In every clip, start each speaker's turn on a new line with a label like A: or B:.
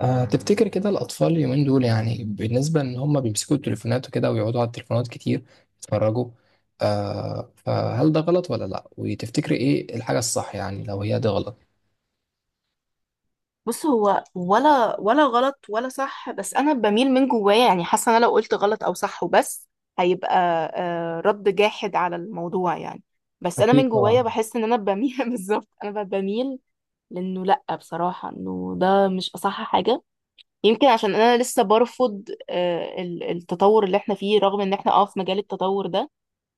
A: تفتكر كده الأطفال اليومين دول، يعني بالنسبة إن هم بيمسكوا التليفونات وكده ويقعدوا على التليفونات كتير يتفرجوا؟ فهل ده غلط ولا لأ؟ وتفتكري إيه الحاجة الصح يعني لو هي ده غلط؟
B: بص، هو ولا غلط ولا صح، بس انا بميل من جوايا. يعني حاسه انا لو قلت غلط او صح وبس هيبقى رد جاحد على الموضوع يعني. بس انا
A: أكيد
B: من جوايا
A: طبعا.
B: بحس ان انا بميل بالظبط انا بميل لانه. لا بصراحه انه ده مش اصح حاجه. يمكن عشان انا لسه برفض، التطور اللي احنا فيه، رغم ان احنا في مجال التطور ده.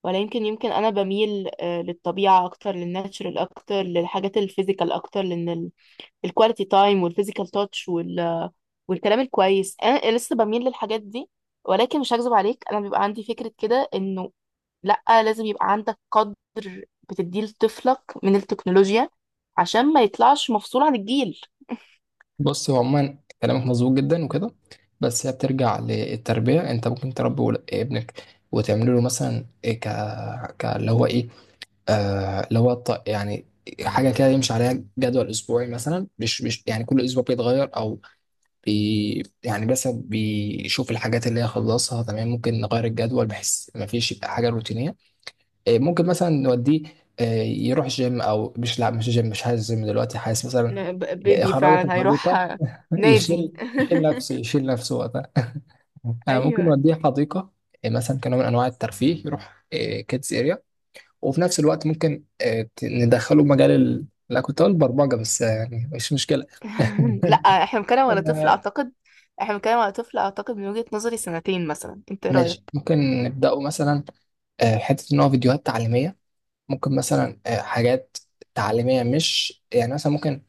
B: ولا يمكن، انا بميل للطبيعه اكتر، للناتشرال اكتر، للحاجات الفيزيكال اكتر. لان الكواليتي تايم والفيزيكال تاتش وال... والكلام الكويس انا لسه بميل للحاجات دي. ولكن مش هكذب عليك، انا بيبقى عندي فكرة كده انه لا، لازم يبقى عندك قدر بتديه لطفلك من التكنولوجيا عشان ما يطلعش مفصول عن الجيل.
A: بص هو عموما كلامك مظبوط جدا وكده، بس هي بترجع للتربية. أنت ممكن تربي ابنك وتعمل له مثلا إيه، ك ك اللي هو إيه، آه اللي هو يعني حاجة كده يمشي عليها، جدول أسبوعي مثلا. مش يعني كل أسبوع بيتغير، بي يعني بس بيشوف الحاجات اللي هي خلصها تمام ممكن نغير الجدول بحيث ما فيش يبقى حاجه روتينيه. إيه، ممكن مثلا نوديه، إيه، يروح جيم، او مش، لا مش جيم مش حاسس جيم دلوقتي، حاسس مثلا
B: بيبي
A: يخرجه في
B: فعلا هيروح
A: الحديقه. يشيل
B: نادي.
A: يشيل نفسه، يشيل نفسه وقتها آه، ممكن
B: ايوه.
A: نوديه حديقه، إيه، مثلا كنوع من انواع الترفيه، يروح كيدز اريا. وفي نفس الوقت ممكن إيه، ندخله مجال ال... لا كنت اقول برمجه، بس آه، يعني مش مشكله
B: لا، احنا بنتكلم على طفل
A: آه،
B: اعتقد، احنا بنتكلم على طفل اعتقد من وجهة نظري سنتين مثلا. انت ايه رايك؟
A: ماشي ممكن نبدأه مثلا، آه، حتة إن هو فيديوهات تعليمية، ممكن مثلا آه، حاجات تعليمية، مش يعني مثلا ممكن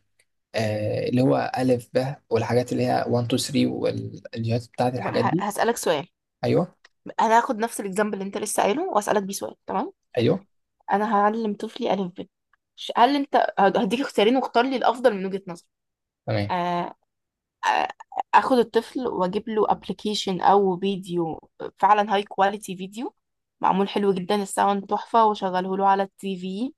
A: آه، اللي هو ألف ب، والحاجات اللي هي 1 2 3، والفيديوهات بتاعت
B: بقى
A: الحاجات دي.
B: هسألك سؤال.
A: أيوه،
B: انا هاخد نفس الاكزامبل اللي انت لسه قايله واسالك بيه سؤال، تمام؟
A: أيوه،
B: انا هعلم طفلي الف ب. هل انت هديك اختيارين واختار لي الافضل من وجهة نظرك.
A: تمام.
B: آه، آه، اخد الطفل واجيب له ابلكيشن او فيديو، فعلا هاي كواليتي فيديو، معمول حلو جدا، الساوند تحفة، واشغله له على التي في،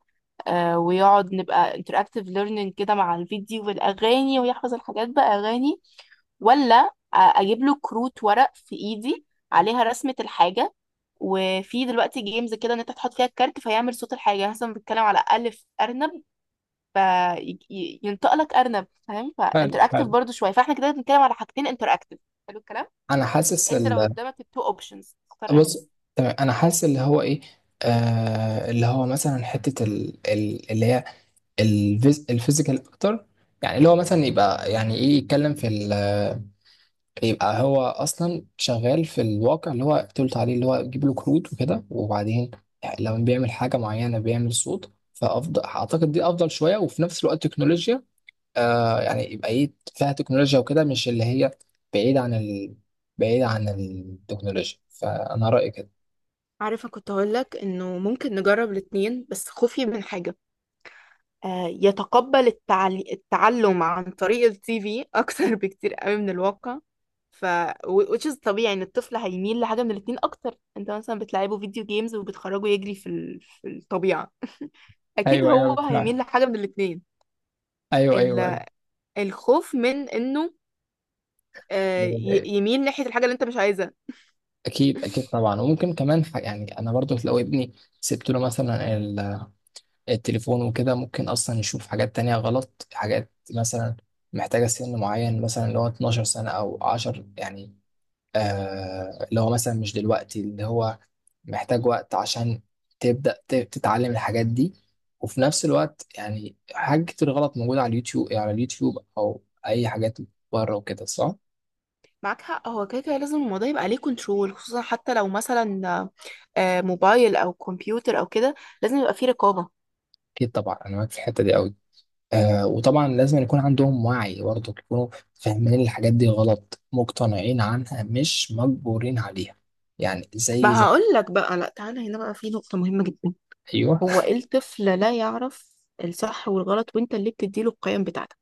B: ويقعد نبقى interactive learning كده مع الفيديو والأغاني، ويحفظ الحاجات بأغاني. ولا أجيب له كروت ورق في إيدي عليها رسمة الحاجة، وفي دلوقتي جيمز كده ان انت تحط فيها الكارت فيعمل صوت الحاجه، يعني مثلا بتتكلم على الف ارنب فينطق لك ارنب، فاهم؟
A: حلو،
B: فانتراكتيف
A: حلو.
B: برضو شويه. فاحنا كده بنتكلم على حاجتين انتراكتيف، حلو الكلام.
A: أنا حاسس
B: انت لو
A: ال...
B: قدامك التو اوبشنز، تختار انهي؟
A: بص تمام، أنا حاسس اللي هو إيه، آه اللي هو مثلا حتة ال... ال... اللي هي الفيزيكال أكتر. يعني اللي هو مثلا يبقى يعني إيه، يتكلم في ال... يبقى هو اصلا شغال في الواقع اللي هو، قلت عليه، اللي هو تجيب له كروت وكده، وبعدين لو بيعمل حاجه معينه بيعمل صوت، فافضل اعتقد دي افضل شويه، وفي نفس الوقت تكنولوجيا. آه يعني يبقى ايه، فيها تكنولوجيا وكده، مش اللي هي بعيد عن ال... بعيد عن التكنولوجيا، فانا رايي كده.
B: عارفة كنت هقولك انه ممكن نجرب الاتنين، بس خوفي من حاجة، يتقبل التعلم عن طريق التي في اكتر بكتير قوي من الواقع. ف which is طبيعي ان الطفل هيميل لحاجه من الاتنين اكتر. انت مثلا بتلعبه فيديو جيمز وبتخرجه يجري في الطبيعه، اكيد
A: ايوه، ايوه،
B: هو
A: بالفعل.
B: هيميل لحاجه من الاتنين.
A: ايوه، ايوه.
B: ال... الخوف من انه
A: ايوه
B: يميل ناحيه الحاجه اللي انت مش عايزها.
A: اكيد، اكيد طبعا. وممكن كمان يعني انا برضو لو ابني سبت له مثلا التليفون وكده، ممكن اصلا يشوف حاجات تانية غلط، حاجات مثلا محتاجة سن معين مثلا، اللي هو 12 سنة او 10 يعني، آه اللي هو مثلا مش دلوقتي، اللي هو محتاج وقت عشان تبدأ تتعلم الحاجات دي. وفي نفس الوقت يعني حاجات كتير غلط موجودة على اليوتيوب، على اليوتيوب او اي حاجات بره وكده، صح؟
B: معاك حق، هو كده كده لازم الموضوع يبقى عليه كنترول، خصوصا حتى لو مثلا موبايل او كمبيوتر او كده، لازم يبقى فيه رقابه.
A: اكيد طبعا، انا معاك في الحتة دي قوي. آه وطبعا لازم يكون عندهم وعي برضه، يكونوا فاهمين الحاجات دي غلط، مقتنعين عنها مش مجبورين عليها، يعني زي
B: ما
A: زي.
B: هقول لك بقى، لا تعالى هنا بقى، في نقطة مهمة جدا.
A: ايوه
B: هو إيه، الطفل لا يعرف الصح والغلط، وانت اللي بتديله القيم بتاعتك.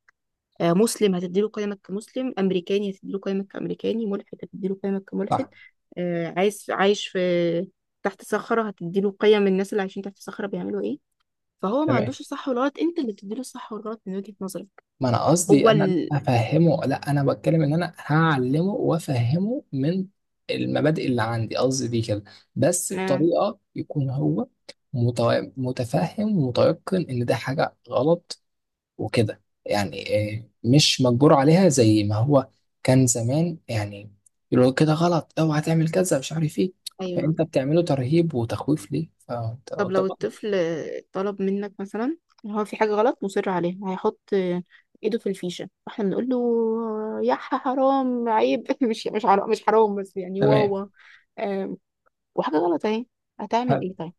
B: مسلم هتديله قيمك كمسلم، امريكاني هتديله قيمك كامريكاني، ملحد هتديله قيمك كملحد.
A: صح
B: عايز عايش في تحت صخرة، هتديله قيم الناس اللي عايشين تحت صخرة بيعملوا ايه. فهو ما
A: تمام.
B: عندوش الصح والغلط، انت اللي بتديله الصح والغلط من وجهة نظرك.
A: ما انا قصدي
B: هو
A: انا
B: ال...
A: افهمه، لا انا بتكلم ان انا هعلمه وافهمه من المبادئ اللي عندي، قصدي دي كده، بس
B: آه.
A: بطريقه يكون هو متفهم ومتيقن ان ده حاجه غلط، وكده يعني آه، مش مجبور عليها زي ما هو كان زمان يعني، يقولوا كده غلط، اوعى تعمل كذا، مش عارف ايه، فانت
B: ايوه.
A: بتعمله ترهيب وتخويف، ليه؟ فانت
B: طب لو
A: طبعا.
B: الطفل طلب منك مثلا إن هو في حاجة غلط مصر عليها، هيحط ايده في الفيشة، فاحنا بنقول له يا حرام، عيب. مش حرام، بس يعني
A: تمام.
B: واوا. آم، وحاجة غلط اهي، هتعمل
A: هل-
B: ايه طيب؟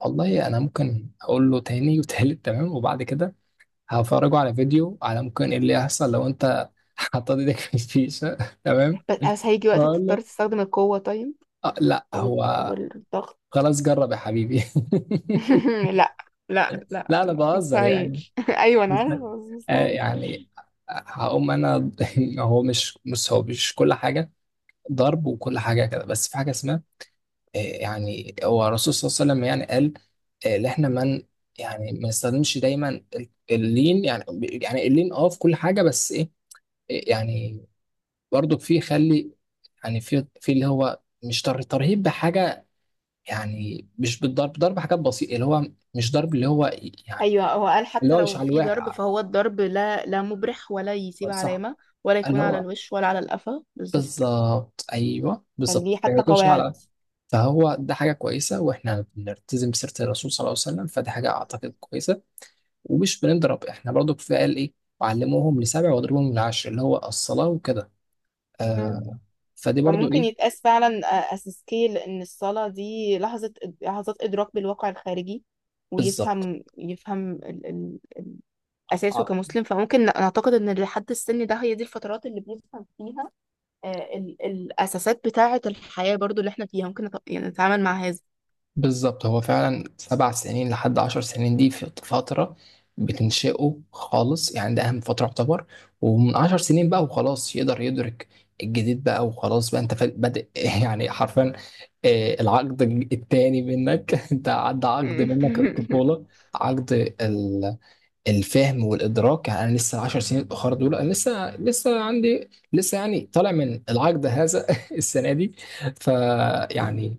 A: والله انا ممكن اقول له تاني وتالت، تمام، وبعد كده هفرجه على فيديو على ممكن ايه اللي هيحصل لو انت حطيت ايدك في الفيشه. تمام
B: بس هيجي وقت
A: واقول
B: تضطر
A: له
B: تستخدم القوة، طيب،
A: آه لا
B: او
A: هو،
B: الضغط.
A: خلاص جرب يا حبيبي.
B: لا، لا، لا،
A: لا انا بهزر يعني.
B: مستحيل. ايوه انا
A: بس
B: عارفة، بس
A: آه،
B: مستحيل.
A: يعني هقوم انا هو مش، بص هو مش كل حاجه ضرب وكل حاجه كده، بس في حاجه اسمها آه، يعني هو الرسول صلى الله عليه وسلم يعني قال آه، ان احنا من، يعني ما نستخدمش دايما اللين، يعني يعني اللين اه في كل حاجه، بس ايه آه، يعني برضو في خلي، يعني في في اللي هو مش ترهيب بحاجه، يعني مش بالضرب، ضرب حاجات بسيطه اللي هو مش ضرب اللي هو يعني
B: ايوه، هو قال
A: اللي
B: حتى
A: هو مش
B: لو
A: على
B: في ضرب،
A: الواحد.
B: فهو الضرب لا، لا مبرح ولا يسيب
A: صح.
B: علامة، ولا يكون
A: اللي
B: على
A: هو
B: الوش ولا على القفا، بالظبط.
A: بالظبط، ايوه
B: كان
A: بالظبط،
B: ليه
A: ما
B: حتى
A: يكونش
B: قواعد.
A: على. فهو ده حاجه كويسه واحنا بنلتزم بسيره الرسول صلى الله عليه وسلم، فده حاجه اعتقد كويسه، ومش بنضرب احنا برضو، كفايه قال ايه، وعلموهم لسبع واضربوهم لعشر، اللي هو الصلاه وكده،
B: مم.
A: آه. فدي برضو
B: فممكن
A: ايه،
B: يتقاس فعلا أس سكيل. إن الصلاة دي لحظة، لحظات إدراك بالواقع الخارجي،
A: بالظبط.
B: ويفهم، ال... ال... أساسه كمسلم. فممكن نعتقد إن لحد السن ده هي دي الفترات اللي بيفهم فيها ال... الأساسات بتاعة الحياة برضو اللي إحنا فيها، ممكن يعني نتعامل مع هذا.
A: بالظبط هو فعلا سبع سنين لحد عشر سنين دي في فترة بتنشئه خالص، يعني ده أهم فترة يعتبر. ومن عشر سنين بقى وخلاص يقدر يدرك الجديد بقى، وخلاص بقى أنت بادئ يعني حرفيا آه، العقد التاني منك أنت عدى عقد منك الطفولة، عقد الفهم والادراك. يعني انا لسه 10 سنين الاخر دول، انا لسه عندي لسه يعني طالع من العجز هذا السنه دي. فيعني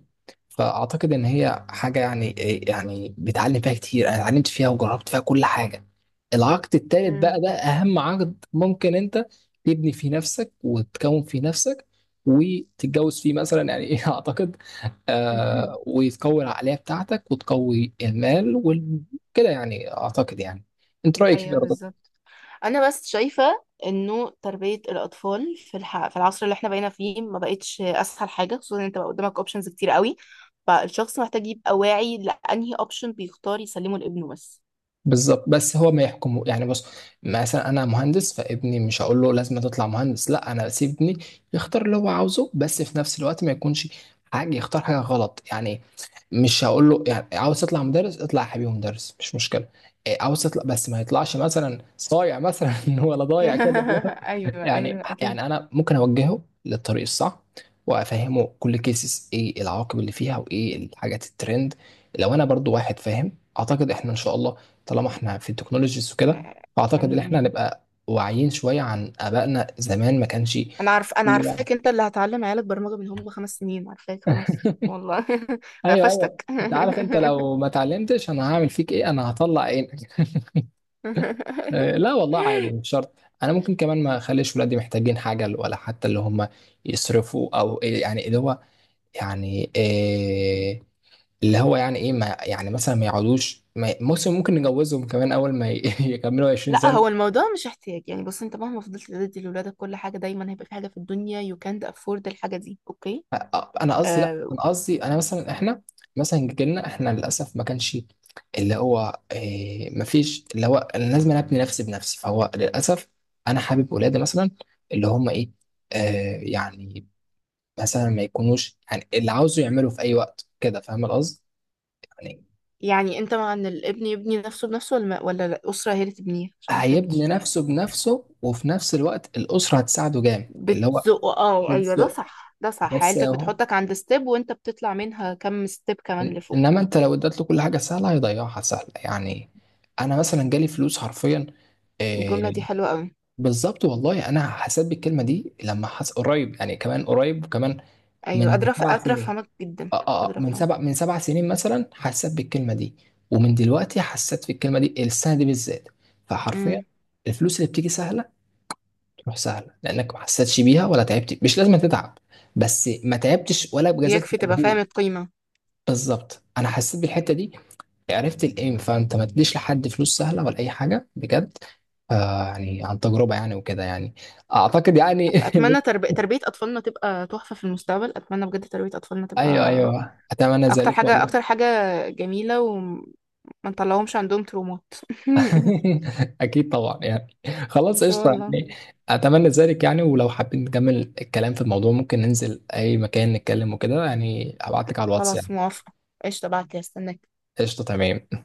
A: فاعتقد ان هي حاجه يعني إيه، يعني بتعلم فيها كتير، انا اتعلمت فيها وجربت فيها كل حاجه. العقد التالت بقى
B: مم.
A: ده اهم عقد ممكن انت تبني فيه نفسك وتكون فيه نفسك، وتتجوز فيه مثلا يعني ايه اعتقد. آه وتقوي العقليه بتاعتك وتقوي المال وكده يعني اعتقد يعني. انت رايك كيف يا
B: ايوه
A: رضا؟
B: بالظبط. انا بس شايفه انه تربيه الاطفال في العصر اللي احنا بقينا فيه ما بقتش اسهل حاجه، خصوصا ان انت بقى قدامك اوبشنز كتير قوي. فالشخص محتاج يبقى واعي لانهي اوبشن بيختار يسلمه لابنه، بس.
A: بالظبط. بس هو ما يحكمه، يعني بص، مثلا انا مهندس، فابني مش هقول له لازم تطلع مهندس، لا انا بسيب ابني يختار اللي هو عاوزه، بس في نفس الوقت ما يكونش حاجه، يختار حاجه غلط يعني. مش هقول له يعني عاوز تطلع مدرس، اطلع يا حبيبي مدرس مش مشكله، إيه، عاوز تطلع، بس ما يطلعش مثلا صايع مثلا ولا ضايع كده، لا.
B: ايوه
A: يعني
B: ايوه اكيد.
A: يعني انا ممكن اوجهه للطريق الصح وافهمه كل كيسز، ايه العواقب اللي فيها وايه الحاجات الترند، لو انا برضو واحد فاهم. اعتقد احنا ان شاء الله طالما احنا في التكنولوجيز وكده، فاعتقد ان
B: امين
A: احنا
B: يعني.
A: هنبقى واعيين شويه عن ابائنا زمان ما كانش في
B: انا
A: وعي.
B: عارفاك، انت اللي هتعلم عيالك برمجه من هم 5 سنين. عارفاك خلاص والله. انا
A: ايوه ايوه،
B: قفشتك.
A: انت عارف انت لو ما اتعلمتش انا هعمل فيك ايه، انا هطلع عينك آه، لا والله عادي مش شرط. انا ممكن كمان ما اخليش ولادي محتاجين حاجه، ولا حتى اللي هم يصرفوا او إيه، يعني اللي هو يعني إيه اللي هو يعني ايه ما يعني، مثلا ما يقعدوش ممكن ممكن نجوزهم كمان اول ما يكملوا 20.
B: لا، هو الموضوع مش احتياج. يعني بص، انت مهما فضلت تدي لولادك كل حاجه، دايما هيبقى في حاجه في الدنيا you can't afford الحاجه دي، اوكي؟
A: انا قصدي لا
B: آه.
A: انا قصدي انا مثلا احنا، مثلا جيلنا احنا للاسف ما كانش اللي هو إيه، ما فيش اللي هو انا لازم، أنا ابني نفسي بنفسي، فهو للاسف انا حابب ولادي مثلا اللي هم ايه آه يعني مثلا ما يكونوش، يعني اللي عاوزه يعمله في اي وقت كده، فاهم القصد يعني.
B: يعني انت مع ان الابن يبني نفسه بنفسه ولا الاسره هي اللي تبنيه؟ عشان ما
A: هيبني
B: فهمتش.
A: نفسه بنفسه وفي نفس الوقت الاسره هتساعده جامد اللي هو.
B: بتزقه، اه، ايوه،
A: بس
B: ده صح ده صح،
A: بس
B: عيلتك بتحطك عند ستيب وانت بتطلع منها كم ستيب كمان لفوق.
A: انما انت لو اديت له كل حاجه سهله هيضيعها سهله يعني. انا مثلا جالي فلوس حرفيا،
B: الجمله
A: إيه.
B: دي حلوه قوي.
A: بالظبط والله انا حسيت بالكلمه دي، لما حس قريب يعني، كمان قريب كمان،
B: ايوه
A: من
B: قادره
A: سبع
B: قادره
A: سنين.
B: افهمك جدا.
A: اه اه آه،
B: قادره افهم.
A: من سبع سنين مثلا حسيت بالكلمه دي، ومن دلوقتي حسيت في الكلمه دي السنه دي بالذات. فحرفيا
B: امم.
A: الفلوس اللي بتيجي سهله تروح سهله، لانك ما حسيتش بيها ولا تعبت، مش لازم تتعب بس ما تعبتش ولا بذلت
B: يكفي تبقى فاهم
A: مجهود.
B: القيمه.
A: بالظبط، انا حسيت بالحته دي، عرفت الايم. فانت ما تديش لحد فلوس سهله ولا اي حاجه بجد، آه يعني عن تجربه يعني وكده يعني اعتقد يعني
B: اتمنى تربيه اطفالنا تبقى تحفه في المستقبل. اتمنى بجد تربيه اطفالنا
A: ايوه
B: تبقى
A: ايوه اتمنى
B: اكتر
A: ذلك
B: حاجة،
A: والله.
B: اكتر حاجة جميلة، وما نطلعهمش عندهم ترومات.
A: اكيد طبعا يعني،
B: ان
A: خلاص
B: شاء
A: قشطه
B: الله.
A: يعني. اتمنى ذلك يعني، ولو حابين نكمل الكلام في الموضوع ممكن ننزل اي مكان نتكلم وكده، يعني ابعت لك على الواتس يعني.
B: خلاص موافقة، قشطة، بعد كده استناك.
A: قشطه تمام.